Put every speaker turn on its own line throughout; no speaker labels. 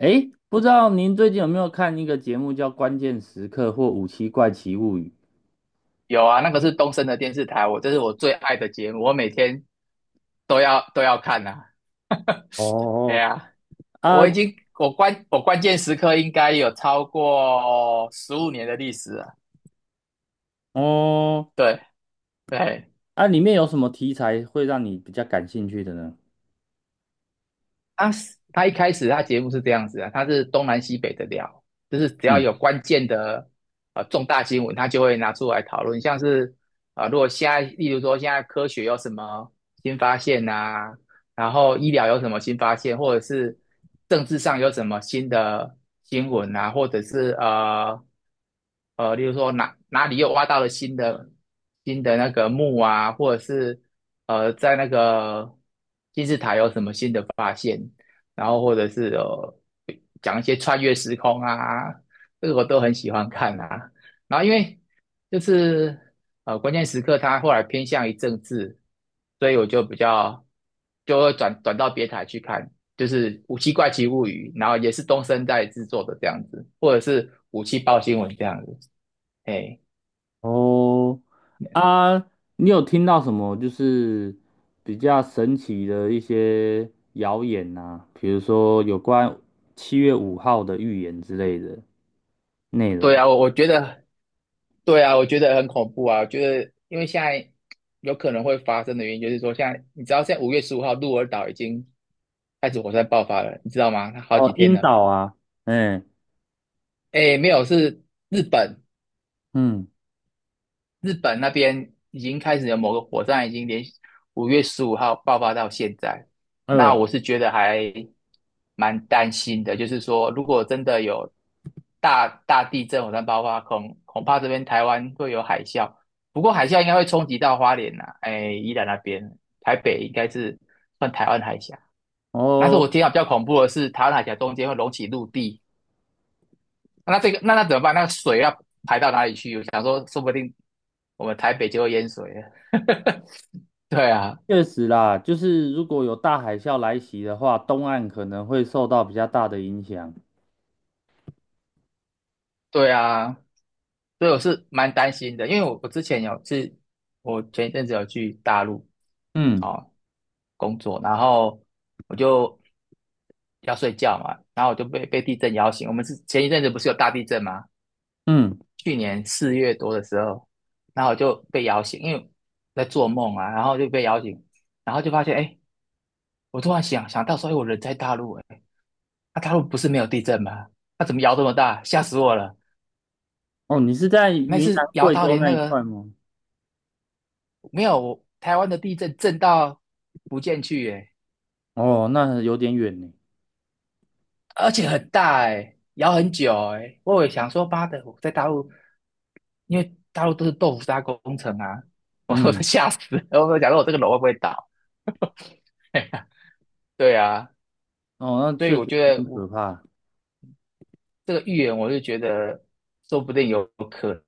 诶，不知道您最近有没有看一个节目叫《关键时刻》或《五七怪奇物语》？
有啊，那个是东森的电视台，这是我最爱的节目，我每天都要看呐、啊。对
哦，
啊，我
啊，
已经我关我关键时刻应该有超过15年的历史了。
哦，
对对，
啊，里面有什么题材会让你比较感兴趣的呢？
他他一开始他节目是这样子啊，他是东南西北的聊，就是只要
嗯，
有关键的重大新闻，他就会拿出来讨论，像是如果现在例如说现在科学有什么新发现呐、然后医疗有什么新发现，或者是政治上有什么新的新闻啊，或者是例如说哪里又挖到了新的那个墓啊，或者是在那个金字塔有什么新的发现，然后或者是讲一些穿越时空啊，这个我都很喜欢看啊。然后因为就是关键时刻，他后来偏向于政治，所以我就比较就会转到别台去看，就是《武器怪奇物语》，然后也是东森在制作的这样子，或者是《武器报新闻》这样子，哎。
哦，啊，你有听到什么就是比较神奇的一些谣言呐、比如说有关7月5号的预言之类的内
对
容。
啊，我觉得，对啊，我觉得很恐怖啊。我觉得，因为现在有可能会发生的原因，就是说，现在你知道，现在五月十五号鹿儿岛已经开始火山爆发了，你知道吗？它好几
哦，
天
晕
了。
倒啊。嗯
哎，没有，是日本，
嗯，
日本那边已经开始有某个火山，已经连续五月十五号爆发到现在。那
呃，
我是觉得还蛮担心的，就是说，如果真的有大地震、火山爆发，恐怕这边台湾会有海啸。不过海啸应该会冲击到花莲呐、哎，宜兰那边，台北应该是算台湾海峡。但是
哦。
我听到比较恐怖的是，台湾海峡中间会隆起陆地，那这个那怎么办？那个水要排到哪里去？我想说，说不定我们台北就会淹水了。对啊，
确实啦，就是如果有大海啸来袭的话，东岸可能会受到比较大的影响。
对啊，所以我是蛮担心的，因为我之前有是，我前一阵子有去大陆
嗯
哦工作，然后我就要睡觉嘛，然后我就被地震摇醒。我们是前一阵子不是有大地震吗？
嗯，
去年4月多的时候，然后我就被摇醒，因为在做梦啊，然后就被摇醒，然后就发现哎。诶我突然想到说，哎，我人在大陆，哎，那、大陆不是没有地震吗？那、怎么摇这么大？吓死我了！
哦，你是在
那
云南、
次摇
贵
到
州
连
那
那
一
个
块吗？
没有台湾的地震震到福建去，哎，
哦，那有点远呢。
而且很大，哎，摇很久，哎，我也想说，妈的，我在大陆，因为大陆都是豆腐渣工程啊，我都
嗯，
吓死了，我都想说我这个楼会不会倒？对啊，
哦，那
所以
确
我
实
觉
有
得
点
我
可怕。
这个预言，我就觉得说不定有可能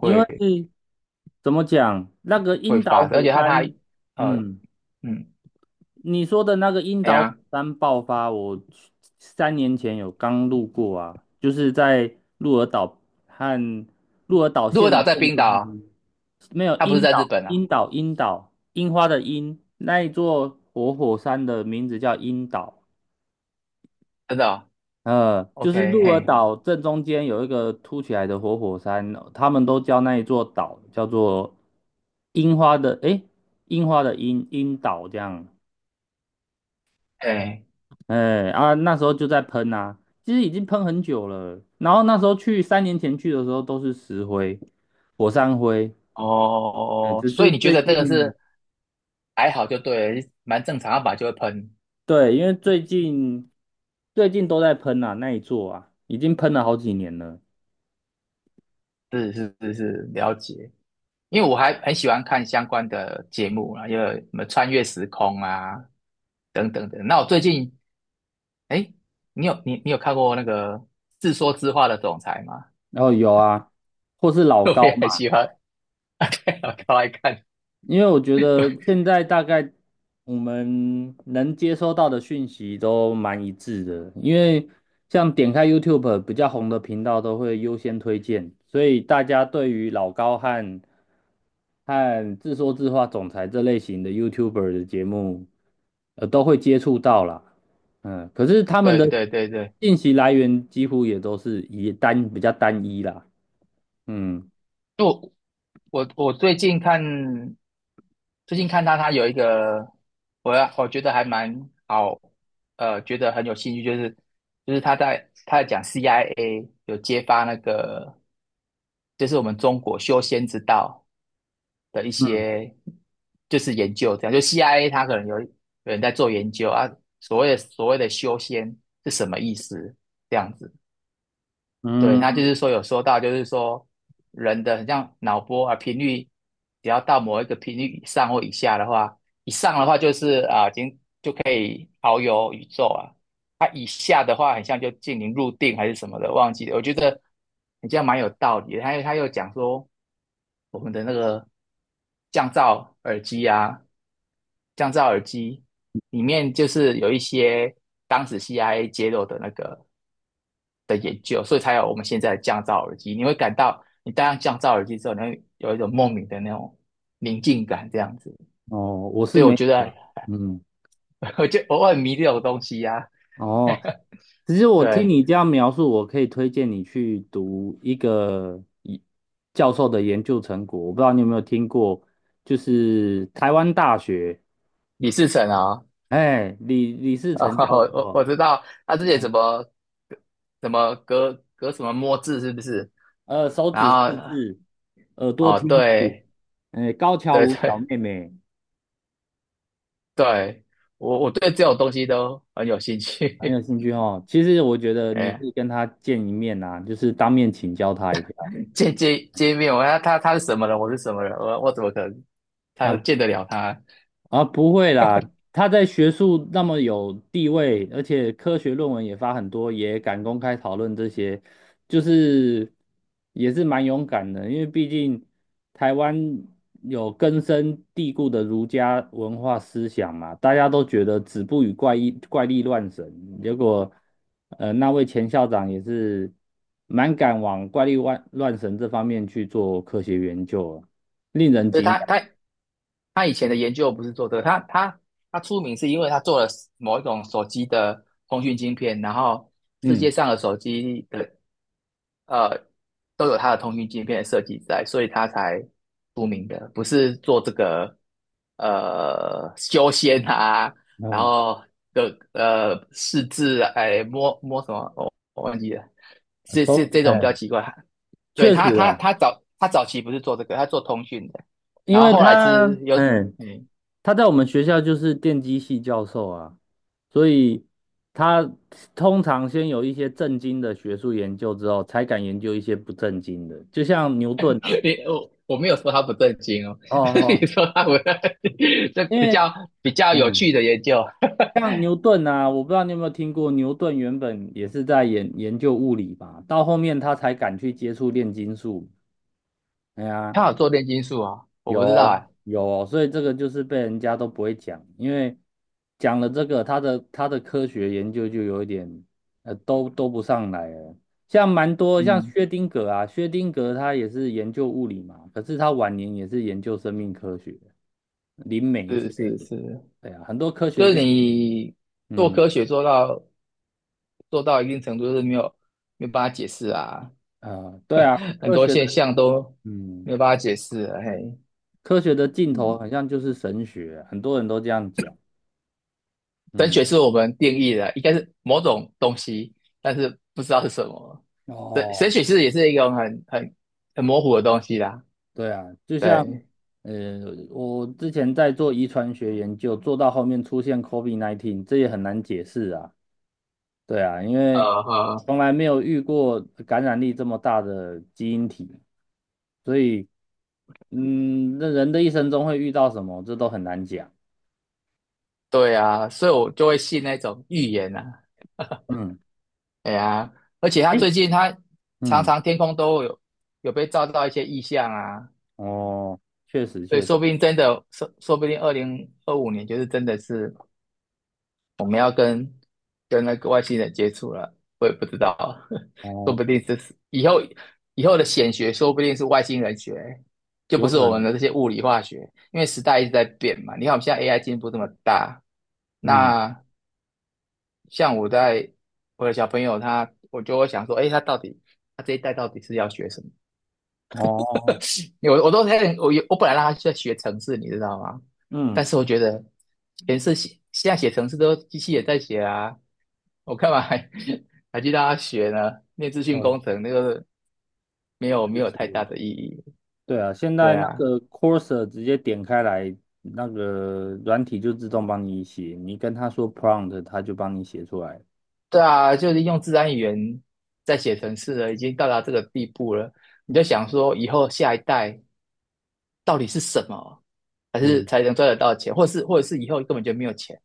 因为怎么讲，那个
会
樱岛
发生，而
火
且他
山，
呃
嗯，
嗯，
你说的那个樱
哎
岛火
呀。
山爆发，我去三年前有刚路过啊，就是在鹿儿岛和鹿儿岛
鹿
县
儿岛
的
在
正
冰岛
中
啊，
间。没有
它不是
樱
在
岛，
日本啊，
樱岛，樱岛，樱花的樱，那一座活火山的名字叫樱岛。
真的哦。
就是
OK,
鹿儿
嘿，
岛正中间有一个凸起来的活火山，他们都叫那一座岛叫做樱花的，诶，樱花的樱，樱岛这样。
嘿，
哎啊，那时候就在喷啊，其实已经喷很久了。然后那时候去，三年前去的时候都是石灰、火山灰，
哦，
嗯，
哦
只
所以
是
你觉
最
得这个
近。
是还好就对了，蛮正常，要把就会喷，
对，因为最近最近都在喷啊，那一座啊，已经喷了好几年了。
是是是是，了解。因为我还很喜欢看相关的节目啊，因为什么穿越时空啊，等等等。那我最近，哎，你有看过那个《自说自话的总裁》吗？
然后有啊，或是 老
我
高。
也很喜欢，我超爱看。
因为我觉得 现在大概我们能接收到的讯息都蛮一致的，因为像点开 YouTube 比较红的频道都会优先推荐，所以大家对于老高和自说自话总裁这类型的 YouTuber 的节目，都会接触到啦。嗯，可是他们
对
的
对对对
信息来源几乎也都是比较单一啦。嗯
就我最近看他，他有一个我觉得还蛮好，觉得很有兴趣，就是他在讲 CIA 有揭发那个就是我们中国修仙之道的一些就是研究，这样就 CIA 他可能有人在做研究啊，所谓的修仙是什么意思？这样子，对，他
嗯，
就是说有说到，就是说人的很像脑波啊频率，只要到某一个频率以上或以下的话，以上的话就是啊已经就可以遨游宇宙啊，它、以下的话很像就进行入定还是什么的，忘记了。我觉得你这样蛮有道理的。他又讲说我们的那个降噪耳机啊，降噪耳机里面就是有一些当时 CIA 揭露的那个，的研究，所以才有我们现在的降噪耳机。你会感到你戴上降噪耳机之后，你会有一种莫名的那种宁静感，这样子。
哦，我是
对，我
没
觉
有
得
啦。嗯。
我就偶尔迷这种东西呀、
哦，其实我听
对，
你这样描述，我可以推荐你去读一个一教授的研究成果。我不知道你有没有听过，就是台湾大学，
李世成啊，
哎，李世
哦
成教
我
授。
知道他之前
嗯
怎么隔什么摸字是不是？
手
然
指四
后
字，耳朵
哦，
听字，
对
哎，高桥
对
舞小
对
妹妹。
对，我对这种东西都很有兴
很有
趣。
兴趣哦。其实我觉 得你可
哎，
以跟他见一面啊，就是当面请教他一下。
见面，他是什么人，我是什么人，我怎么可能
啊，
他见得了他？
啊，不会啦。他在学术那么有地位，而且科学论文也发很多，也敢公开讨论这些，就是也是蛮勇敢的。因为毕竟台湾有根深蒂固的儒家文化思想嘛，大家都觉得子不语怪异怪力乱神，结果那位前校长也是蛮敢往怪力乱神这方面去做科学研究啊，令人
所以
敬
他
仰。
他他以前的研究不是做这个，他出名是因为他做了某一种手机的通讯晶片，然后世界
嗯，
上的手机的呃，都有它的通讯界面设计在，所以它才出名的，不是做这个修仙啊，然后的试制啊哎摸摸什么，我忘记了，这种比较奇怪。对
确
他
实。
他他早他早期不是做这个，他做通讯的，
因
然后
为
后来
他，
是有
嗯，
嗯，
他在我们学校就是电机系教授啊，所以他通常先有一些正经的学术研究之后，才敢研究一些不正经的，就像牛顿 啊。
我没有说他不正经哦，
哦， 哦，
你说他不，这
因
比
为
较比较有
嗯，
趣的研究。
像牛顿啊，我不知道你有没有听过，牛顿原本也是在研究物理吧，到后面他才敢去接触炼金术。哎呀。
他有做炼金术啊，我
有
不知道
哦，
哎、
有哦，所以这个就是被人家都不会讲，因为讲了这个，他的科学研究就有一点都不上来了。像蛮多像
嗯，
薛丁格啊，薛丁格他也是研究物理嘛，可是他晚年也是研究生命科学、林媒之
是
类
是
的。
是，
对啊，很多科学
就是
家。
你做
嗯
科学做到一定程度，就是没有办法解释啊，
对啊，
很
科
多
学
现
的。
象都
嗯，
没有办法解释啊。嘿，
科学的尽头
嗯，
好像就是神学，很多人都这样讲。
神
嗯。
学是我们定义的，应该是某种东西，但是不知道是什么。神神
哦，
学是也是一种很模糊的东西啦。
对啊，就像
对，
呃，我之前在做遗传学研究，做到后面出现 COVID-19，这也很难解释啊。对啊，因
呃，
为
呃
从来没有遇过感染力这么大的基因体，所以那人的一生中会遇到什么，这都很难讲。
对啊，所以我就会信那种预言啊，
嗯，
哎呀，而且他
诶，
最近他常
嗯，
常天空都有被照到一些异象啊，
哦，确实
所以
确实，
说不定真的，说不定2025年就是真的是我们要跟那个外星人接触了，我也不知道，说
哦，
不定这是以后的显学，说不定是外星人学，就不
有
是
可
我们
能，
的这些物理化学，因为时代一直在变嘛。你看我们现在 AI 进步这么大，
嗯，
那像我在我的小朋友他，我就会想说，哎，他到底他这一代到底是要学什么？
哦，
因为我本来让他在学程式，你知道吗？但
嗯，
是我觉得程式写现在写程式都机器也在写啊，我干嘛还 还去让他学呢？念资讯
呃，
工程那个没有没
确
有太大
实。
的意义。
对啊，现在
对
那
啊，
个 c o r s e r 直接点开来，那个软体就自动帮你写，你跟他说 prompt，他就帮你写出来。
对啊，就是用自然语言在写程式了，已经到达这个地步了。你就想说，以后下一代，到底是什么，还是
嗯，
才能赚得到钱，或者是以后根本就没有钱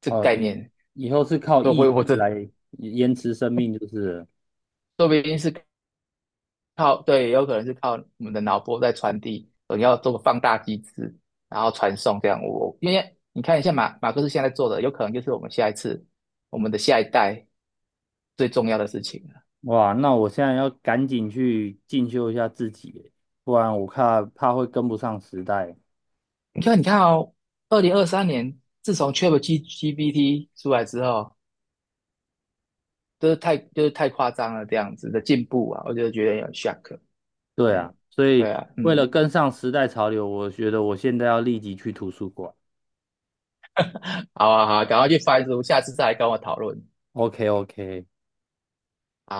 这个
哦，
概
以
念，
以后是靠
我
意
我
志
这
来延迟生命，就是了。
说不定是靠对，有可能是靠我们的脑波在传递，你要做个放大机制，然后传送这样。我因为你看一下马克思现在做的，有可能就是我们下一次我们的下一代最重要的事情了。
哇，那我现在要赶紧去进修一下自己耶，不然我怕会跟不上时代。
你看，你看哦，2023年自从 ChatGPT 出来之后，就是太夸张了这样子的进步啊，我就觉得有点 shock。
对
哎，
啊，所
对
以
啊，
为
嗯，
了跟上时代潮流，我觉得我现在要立即去图书馆。
好啊，好啊，赶快去翻书，下次再来跟我讨论。
OK OK。